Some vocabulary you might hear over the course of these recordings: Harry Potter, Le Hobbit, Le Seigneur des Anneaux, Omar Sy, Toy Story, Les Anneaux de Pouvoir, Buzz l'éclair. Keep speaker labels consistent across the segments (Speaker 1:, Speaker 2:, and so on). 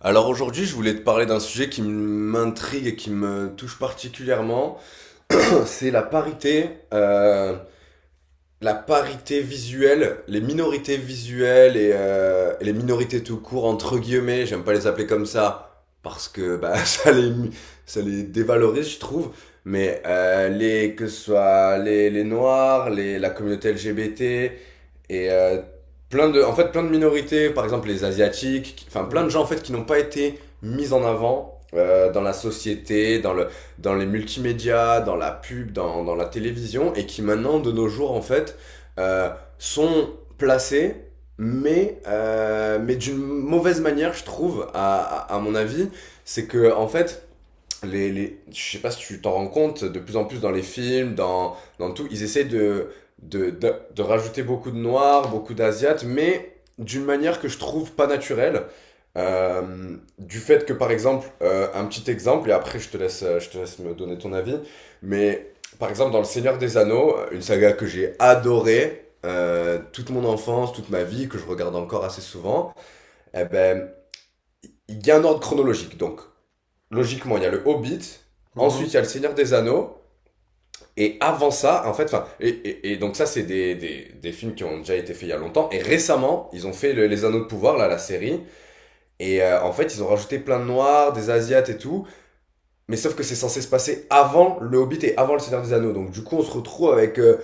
Speaker 1: Alors aujourd'hui, je voulais te parler d'un sujet qui m'intrigue et qui me touche particulièrement. C'est euh, la parité visuelle, les minorités visuelles et les minorités tout court entre guillemets. J'aime pas les appeler comme ça parce que bah, ça les dévalorise, je trouve. Mais les que ce soit les noirs, les la communauté LGBT, et euh, plein en fait, plein de minorités, par exemple les asiatiques, enfin plein de
Speaker 2: Mhm,
Speaker 1: gens en fait qui n'ont pas été mis en avant dans la société, dans les multimédias, dans la pub, dans la télévision, et qui maintenant de nos jours en fait euh, sont placés, mais mais d'une mauvaise manière, je trouve, à mon avis, c'est que en fait je sais pas si tu t'en rends compte, de plus en plus dans les films, dans tout, ils essaient de rajouter beaucoup de noirs, beaucoup d'asiates, mais d'une manière que je trouve pas naturelle. Du fait que, par exemple, un petit exemple, et après je te laisse me donner ton avis, mais par exemple, dans Le Seigneur des Anneaux, une saga que j'ai adorée, toute mon enfance, toute ma vie, que je regarde encore assez souvent, eh ben, il y a un ordre chronologique. Donc, logiquement, il y a le Hobbit, ensuite
Speaker 2: mhm.
Speaker 1: il y a le Seigneur des Anneaux, et avant ça, en fait, enfin, et donc ça, c'est des films qui ont déjà été faits il y a longtemps, et récemment, ils ont fait Les Anneaux de Pouvoir, là, la série, en fait, ils ont rajouté plein de noirs, des asiates et tout, mais sauf que c'est censé se passer avant le Hobbit et avant le Seigneur des Anneaux, donc du coup, on se retrouve avec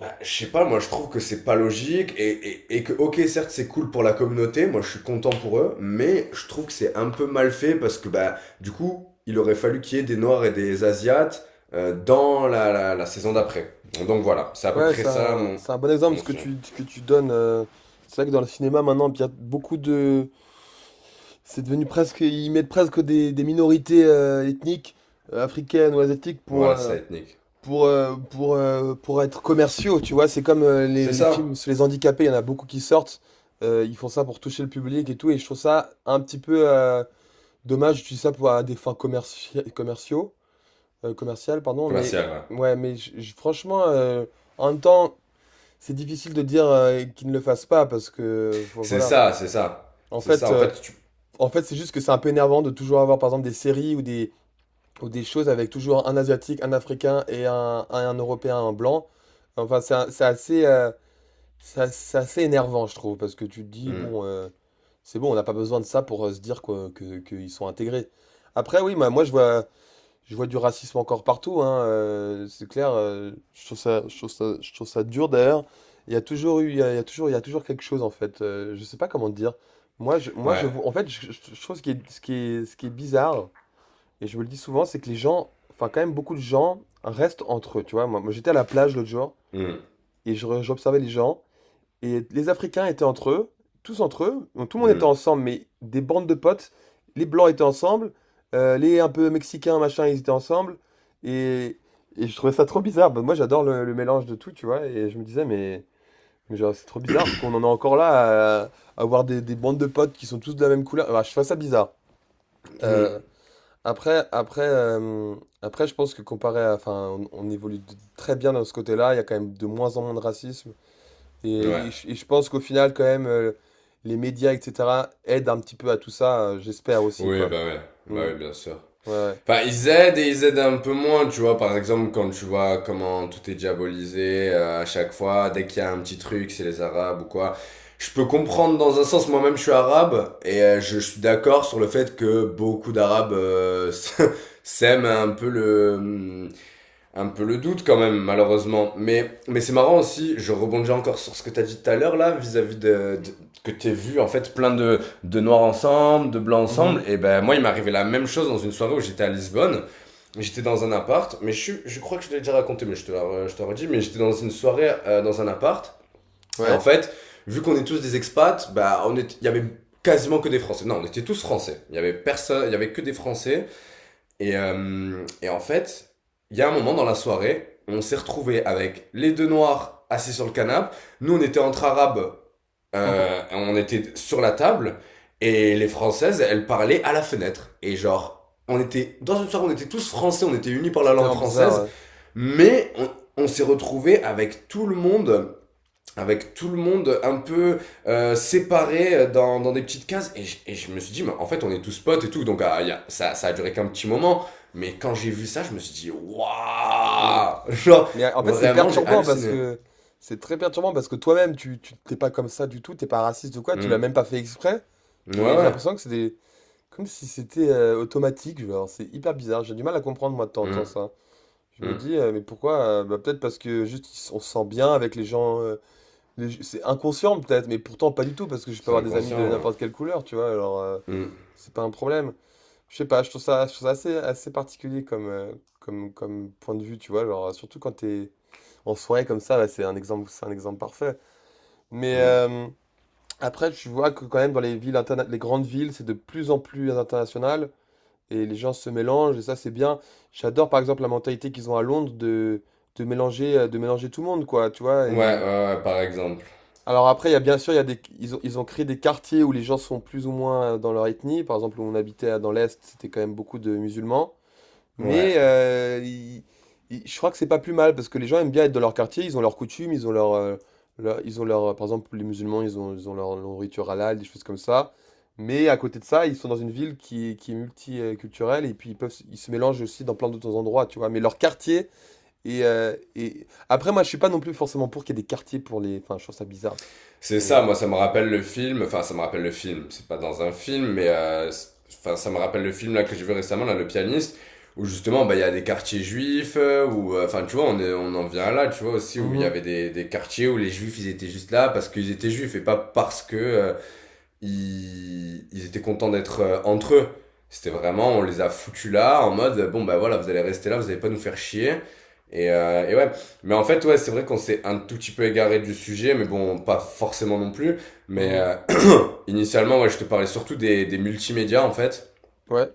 Speaker 1: bah, je sais pas, moi je trouve que c'est pas logique et que, ok, certes c'est cool pour la communauté, moi je suis content pour eux, mais je trouve que c'est un peu mal fait parce que bah, du coup, il aurait fallu qu'il y ait des Noirs et des Asiates dans la saison d'après. Donc voilà, c'est à peu
Speaker 2: Ouais,
Speaker 1: près
Speaker 2: c'est
Speaker 1: ça
Speaker 2: un,
Speaker 1: mon,
Speaker 2: c'est un bon exemple
Speaker 1: mon
Speaker 2: ce
Speaker 1: sujet.
Speaker 2: que tu donnes. C'est vrai que dans le cinéma maintenant, il y a beaucoup de. C'est devenu presque. Ils mettent presque des minorités ethniques, africaines ou asiatiques, pour,
Speaker 1: Voilà, c'est
Speaker 2: euh,
Speaker 1: ça, ethnique.
Speaker 2: pour, euh, pour, euh, pour être commerciaux, tu vois. C'est comme les,
Speaker 1: C'est
Speaker 2: les films
Speaker 1: ça,
Speaker 2: sur les handicapés, il y en a beaucoup qui sortent. Ils font ça pour toucher le public et tout. Et je trouve ça un petit peu dommage d'utiliser ça pour à des fins commerciaux, commerciales, pardon. Mais
Speaker 1: commercial, ouais.
Speaker 2: ouais, mais franchement. En même temps, c'est difficile de dire qu'il ne le fasse pas parce que
Speaker 1: C'est
Speaker 2: voilà.
Speaker 1: ça, c'est ça.
Speaker 2: En
Speaker 1: C'est
Speaker 2: fait,
Speaker 1: ça, en
Speaker 2: euh,
Speaker 1: fait, tu.
Speaker 2: en fait, c'est juste que c'est un peu énervant de toujours avoir par exemple des séries ou des choses avec toujours un Asiatique, un Africain et un Européen, un blanc. Enfin, c'est assez c'est assez énervant, je trouve, parce que tu te dis
Speaker 1: Hmm.
Speaker 2: bon, c'est bon, on n'a pas besoin de ça pour se dire quoi, que qu'ils sont intégrés. Après, oui, moi je vois. Je vois du racisme encore partout, hein, c'est clair. Je trouve ça dur d'ailleurs. Il y a toujours eu, il y a toujours quelque chose en fait. Je sais pas comment te dire. Moi,
Speaker 1: Ouais.
Speaker 2: je vois. En fait, je trouve ce qui est bizarre, et je me le dis souvent, c'est que les gens, enfin quand même beaucoup de gens restent entre eux. Tu vois, moi, j'étais à la plage l'autre jour
Speaker 1: Hmm.
Speaker 2: et j'observais les gens. Et les Africains étaient entre eux, tous entre eux, donc tout le monde était
Speaker 1: Hmm.
Speaker 2: ensemble, mais des bandes de potes. Les Blancs étaient ensemble, les un peu Mexicains, machin, ils étaient ensemble. Et, et je trouvais ça trop bizarre. Bah, moi, j'adore le mélange de tout, tu vois. Et je me disais, mais genre, c'est trop bizarre qu'on en est encore là à avoir des bandes de potes qui sont tous de la même couleur. Bah, je trouve ça bizarre.
Speaker 1: Hmm.
Speaker 2: Euh, après, après, euh, Après, je pense que comparé à. Enfin, on évolue très bien dans ce côté-là. Il y a quand même de moins en moins de racisme. Et,
Speaker 1: Ouais.
Speaker 2: et je pense qu'au final, quand même, les médias, etc., aident un petit peu à tout ça, j'espère aussi,
Speaker 1: Oui,
Speaker 2: quoi.
Speaker 1: bah ouais. Bah
Speaker 2: Mm.
Speaker 1: oui, bien sûr.
Speaker 2: Ouais,
Speaker 1: Enfin, ils aident et ils aident un peu moins, tu vois. Par exemple, quand tu vois comment tout est diabolisé à chaque fois, dès qu'il y a un petit truc, c'est les Arabes ou quoi. Je peux comprendre dans un sens, moi-même je suis arabe, et je suis d'accord sur le fait que beaucoup d'Arabes s'aiment un peu le doute quand même, malheureusement. Mais c'est marrant aussi, je rebondis encore sur ce que t'as dit tout à l'heure là, vis-à-vis que t'es vu en fait plein de noirs ensemble, de blancs
Speaker 2: ouais.
Speaker 1: ensemble.
Speaker 2: Mhm.
Speaker 1: Et ben moi, il m'est arrivé la même chose dans une soirée où j'étais à Lisbonne. J'étais dans un appart, mais je crois que je te l'ai déjà raconté, mais je te redis, mais j'étais dans une soirée dans un appart. Et en
Speaker 2: Ouais.
Speaker 1: fait, vu qu'on est tous des expats, bah il y avait quasiment que des Français. Non, on était tous Français. Il y avait personne, il y avait que des Français. Et en fait, il y a un moment dans la soirée, on s'est retrouvé avec les deux noirs assis sur le canapé. Nous, on était entre arabes, on était sur la table, et les françaises, elles parlaient à la fenêtre. Et genre, on était dans une soirée, on était tous français, on était unis par la
Speaker 2: C'est
Speaker 1: langue
Speaker 2: tellement bizarre,
Speaker 1: française,
Speaker 2: ouais.
Speaker 1: mais on s'est retrouvé avec tout le monde un peu séparé dans des petites cases. Et je me suis dit, mais en fait, on est tous potes et tout. Donc, ah, ça, ça a duré qu'un petit moment. Mais quand j'ai vu ça, je me suis dit,
Speaker 2: Mm.
Speaker 1: waouh! Genre,
Speaker 2: Mais en fait, c'est
Speaker 1: vraiment, j'ai
Speaker 2: perturbant parce
Speaker 1: halluciné.
Speaker 2: que. C'est très perturbant parce que toi-même, tu t'es pas comme ça du tout, t'es pas raciste ou quoi, tu l'as même
Speaker 1: Hmm.
Speaker 2: pas fait exprès,
Speaker 1: Ouais,
Speaker 2: mais j'ai
Speaker 1: ouais.
Speaker 2: l'impression que c'est des comme si c'était automatique, genre, c'est hyper bizarre, j'ai du mal à comprendre moi de temps en temps
Speaker 1: Hmm.
Speaker 2: ça. Je me
Speaker 1: Hmm.
Speaker 2: dis, mais pourquoi? Bah, peut-être parce que juste on se sent bien avec les gens. Mais c'est inconscient peut-être, mais pourtant pas du tout, parce que je peux
Speaker 1: C'est
Speaker 2: avoir des amis de
Speaker 1: inconscient. Ouais.
Speaker 2: n'importe quelle couleur, tu vois, alors
Speaker 1: Hmm.
Speaker 2: c'est pas un problème. Je sais pas, je trouve ça assez particulier comme, comme point de vue, tu vois, genre, surtout quand t'es en soirée comme ça, bah, c'est un exemple parfait. Mais
Speaker 1: Hmm.
Speaker 2: après, tu vois que quand même dans les villes les grandes villes, c'est de plus en plus international, et les gens se mélangent, et ça c'est bien. J'adore par exemple la mentalité qu'ils ont à Londres de mélanger tout le monde, quoi, tu vois,
Speaker 1: Ouais, ouais, ouais, par exemple.
Speaker 2: Alors après, il y a bien sûr, il y a des, ils ont créé des quartiers où les gens sont plus ou moins dans leur ethnie. Par exemple, où on habitait dans l'Est, c'était quand même beaucoup de musulmans. Mais
Speaker 1: Ouais.
Speaker 2: je crois que c'est pas plus mal parce que les gens aiment bien être dans leur quartier. Ils ont leurs coutumes, par exemple, les musulmans, ils ont leur nourriture halal, des choses comme ça. Mais à côté de ça, ils sont dans une ville qui est multiculturelle et puis ils se mélangent aussi dans plein d'autres endroits, tu vois. Mais leur quartier et après, moi, je suis pas non plus forcément pour qu'il y ait des quartiers pour les. Enfin, je trouve ça bizarre.
Speaker 1: C'est ça,
Speaker 2: Mais.
Speaker 1: moi ça me
Speaker 2: Mm.
Speaker 1: rappelle le film, enfin ça me rappelle le film, c'est pas dans un film, mais enfin ça me rappelle le film là que j'ai vu récemment, là, le pianiste, où justement bah il y a des quartiers juifs, où enfin tu vois on en vient là, tu vois aussi où il y avait
Speaker 2: Mhm,
Speaker 1: des quartiers où les juifs ils étaient juste là parce qu'ils étaient juifs et pas parce que ils étaient contents d'être entre eux. C'était vraiment, on les a foutus là, en mode, bon, bah voilà, vous allez rester là, vous allez pas nous faire chier. Et ouais, mais en fait, ouais, c'est vrai qu'on s'est un tout petit peu égaré du sujet, mais bon, pas forcément non plus. Mais
Speaker 2: mhm.
Speaker 1: euh, initialement, ouais, je te parlais surtout des multimédias, en fait.
Speaker 2: Ouais,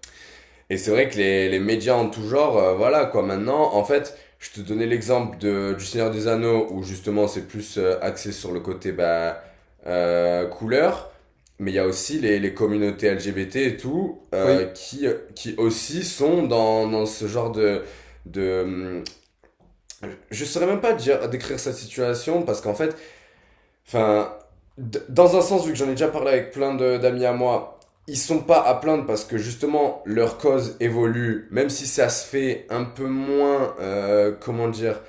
Speaker 1: Et c'est vrai que les médias en tout genre, voilà quoi, maintenant, en fait, je te donnais l'exemple du Seigneur des Anneaux, où justement c'est plus axé sur le côté couleur, mais il y a aussi les communautés LGBT et tout,
Speaker 2: oui.
Speaker 1: qui aussi sont dans ce genre de... de hum, je saurais même pas dire, décrire sa situation, parce qu'en fait, Enfin, dans un sens, vu que j'en ai déjà parlé avec plein d'amis à moi, ils sont pas à plaindre parce que justement leur cause évolue, même si ça se fait un peu moins, comment dire,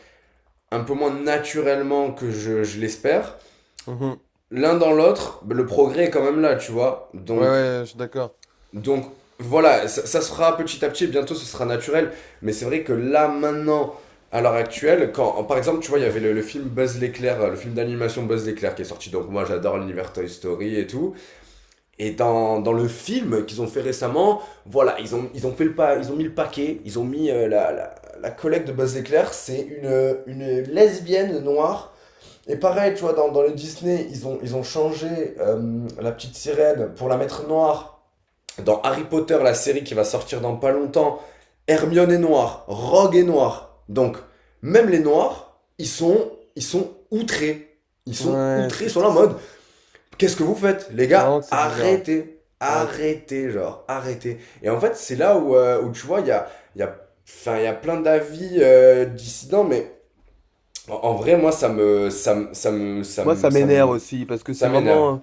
Speaker 1: un peu moins naturellement que je l'espère.
Speaker 2: Mhm.
Speaker 1: L'un dans l'autre, le progrès est quand même là, tu vois.
Speaker 2: Ouais,
Speaker 1: Donc
Speaker 2: ouais, je suis d'accord.
Speaker 1: donc voilà, ça se fera petit à petit, et bientôt ce sera naturel. Mais c'est vrai que là, maintenant, à l'heure actuelle, quand, par exemple, tu vois, il y avait le film Buzz l'éclair, le film d'animation Buzz l'éclair qui est sorti. Donc moi, j'adore l'univers Toy Story et tout. Et dans le film qu'ils ont fait récemment, voilà, ils ont fait le pas, ils ont mis le paquet, ils ont mis la collègue de Buzz l'éclair, c'est une lesbienne noire. Et pareil, tu vois, dans le Disney, ils ont changé la petite sirène pour la mettre noire dans Harry Potter, la série qui va sortir dans pas longtemps, Hermione est noire, Rogue est noire. Donc, même les noirs, ils sont outrés. Ils sont
Speaker 2: Ouais,
Speaker 1: outrés, ils sont là en mode, qu'est-ce que vous faites les
Speaker 2: c'est vraiment
Speaker 1: gars,
Speaker 2: que c'est bizarre.
Speaker 1: arrêtez.
Speaker 2: Ouais.
Speaker 1: Arrêtez, genre, arrêtez. Et en fait, c'est là où tu vois, il y, a, enfin, il y a plein d'avis dissidents, mais en vrai, moi, ça me, ça me, ça me, ça
Speaker 2: Moi, ça
Speaker 1: me, ça
Speaker 2: m'énerve
Speaker 1: me-
Speaker 2: aussi, parce que
Speaker 1: ça m'énerve.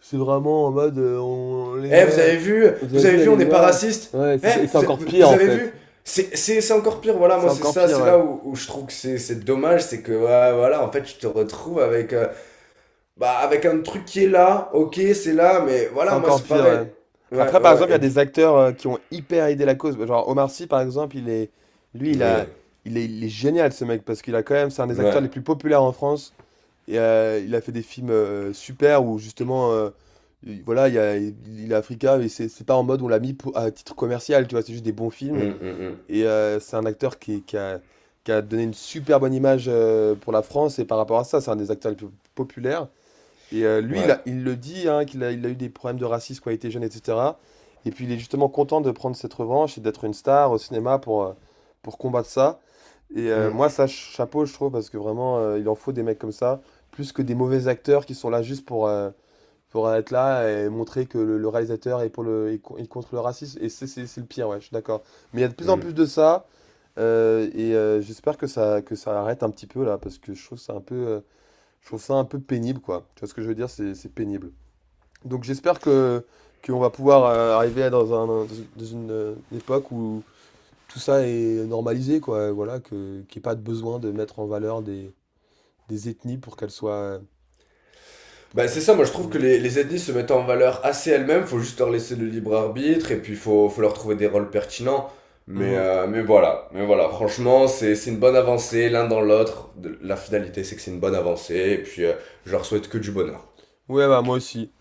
Speaker 2: c'est vraiment en mode, on les
Speaker 1: Eh,
Speaker 2: met, vous avez
Speaker 1: vous avez
Speaker 2: vu,
Speaker 1: vu, on
Speaker 2: allez
Speaker 1: n'est pas
Speaker 2: voir.
Speaker 1: raciste.
Speaker 2: Ouais,
Speaker 1: Eh,
Speaker 2: c'est ça. Et c'est encore pire,
Speaker 1: vous
Speaker 2: en
Speaker 1: avez
Speaker 2: fait.
Speaker 1: vu. C'est encore pire, voilà,
Speaker 2: C'est
Speaker 1: moi c'est
Speaker 2: encore
Speaker 1: ça,
Speaker 2: pire,
Speaker 1: c'est
Speaker 2: ouais.
Speaker 1: là où je trouve que c'est dommage, c'est que ouais, voilà, en fait, tu te retrouves avec un truc qui est là, ok, c'est là, mais
Speaker 2: C'est
Speaker 1: voilà, moi
Speaker 2: encore
Speaker 1: c'est
Speaker 2: pire,
Speaker 1: pareil.
Speaker 2: ouais.
Speaker 1: Ouais,
Speaker 2: Après,
Speaker 1: ouais,
Speaker 2: par exemple, il
Speaker 1: ouais,
Speaker 2: y a des acteurs qui ont hyper aidé la cause. Genre Omar Sy, par exemple, lui, il
Speaker 1: Oui,
Speaker 2: a, il est génial, ce mec, parce qu'il a quand même, c'est un des acteurs
Speaker 1: ouais.
Speaker 2: les plus populaires en France. Et, il a fait des films, super où justement, i voilà, il y a il est africain mais c'est pas en mode on l'a mis pou à titre commercial, tu vois? C'est juste des bons films
Speaker 1: Hum, hum, hum.
Speaker 2: et c'est un acteur qui a donné une super bonne image, pour la France et par rapport à ça, c'est un des acteurs les plus populaires et lui,
Speaker 1: Ouais.
Speaker 2: il le dit, hein, il a eu des problèmes de racisme quand il était jeune, etc. Et puis il est justement content de prendre cette revanche et d'être une star au cinéma pour combattre ça. Et
Speaker 1: Hum,
Speaker 2: moi, ça, chapeau, je trouve, parce que vraiment, il en faut des mecs comme ça, plus que des mauvais acteurs qui sont là juste pour être là et montrer que le réalisateur est, pour le, est co- est contre le racisme. Et c'est le pire, ouais, je suis d'accord. Mais il y a de plus en
Speaker 1: hum.
Speaker 2: plus de ça, et j'espère que ça arrête un petit peu là, parce que je trouve que c'est un peu. Je trouve ça un peu pénible, quoi. Tu vois ce que je veux dire? C'est pénible. Donc j'espère que qu'on va pouvoir arriver à dans un, dans une, époque où tout ça est normalisé, quoi. Voilà, que qu'il n'y ait pas de besoin de mettre en valeur des ethnies
Speaker 1: Bah, c'est ça, moi je trouve
Speaker 2: Mm.
Speaker 1: que les ethnies se mettent en valeur assez elles-mêmes, faut juste leur laisser le libre arbitre et puis faut leur trouver des rôles pertinents. Mais,
Speaker 2: Mhm.
Speaker 1: euh, mais voilà, franchement, c'est une bonne avancée l'un dans l'autre. La finalité, c'est que c'est une bonne avancée et puis je leur souhaite que du bonheur.
Speaker 2: Ouais, bah moi aussi.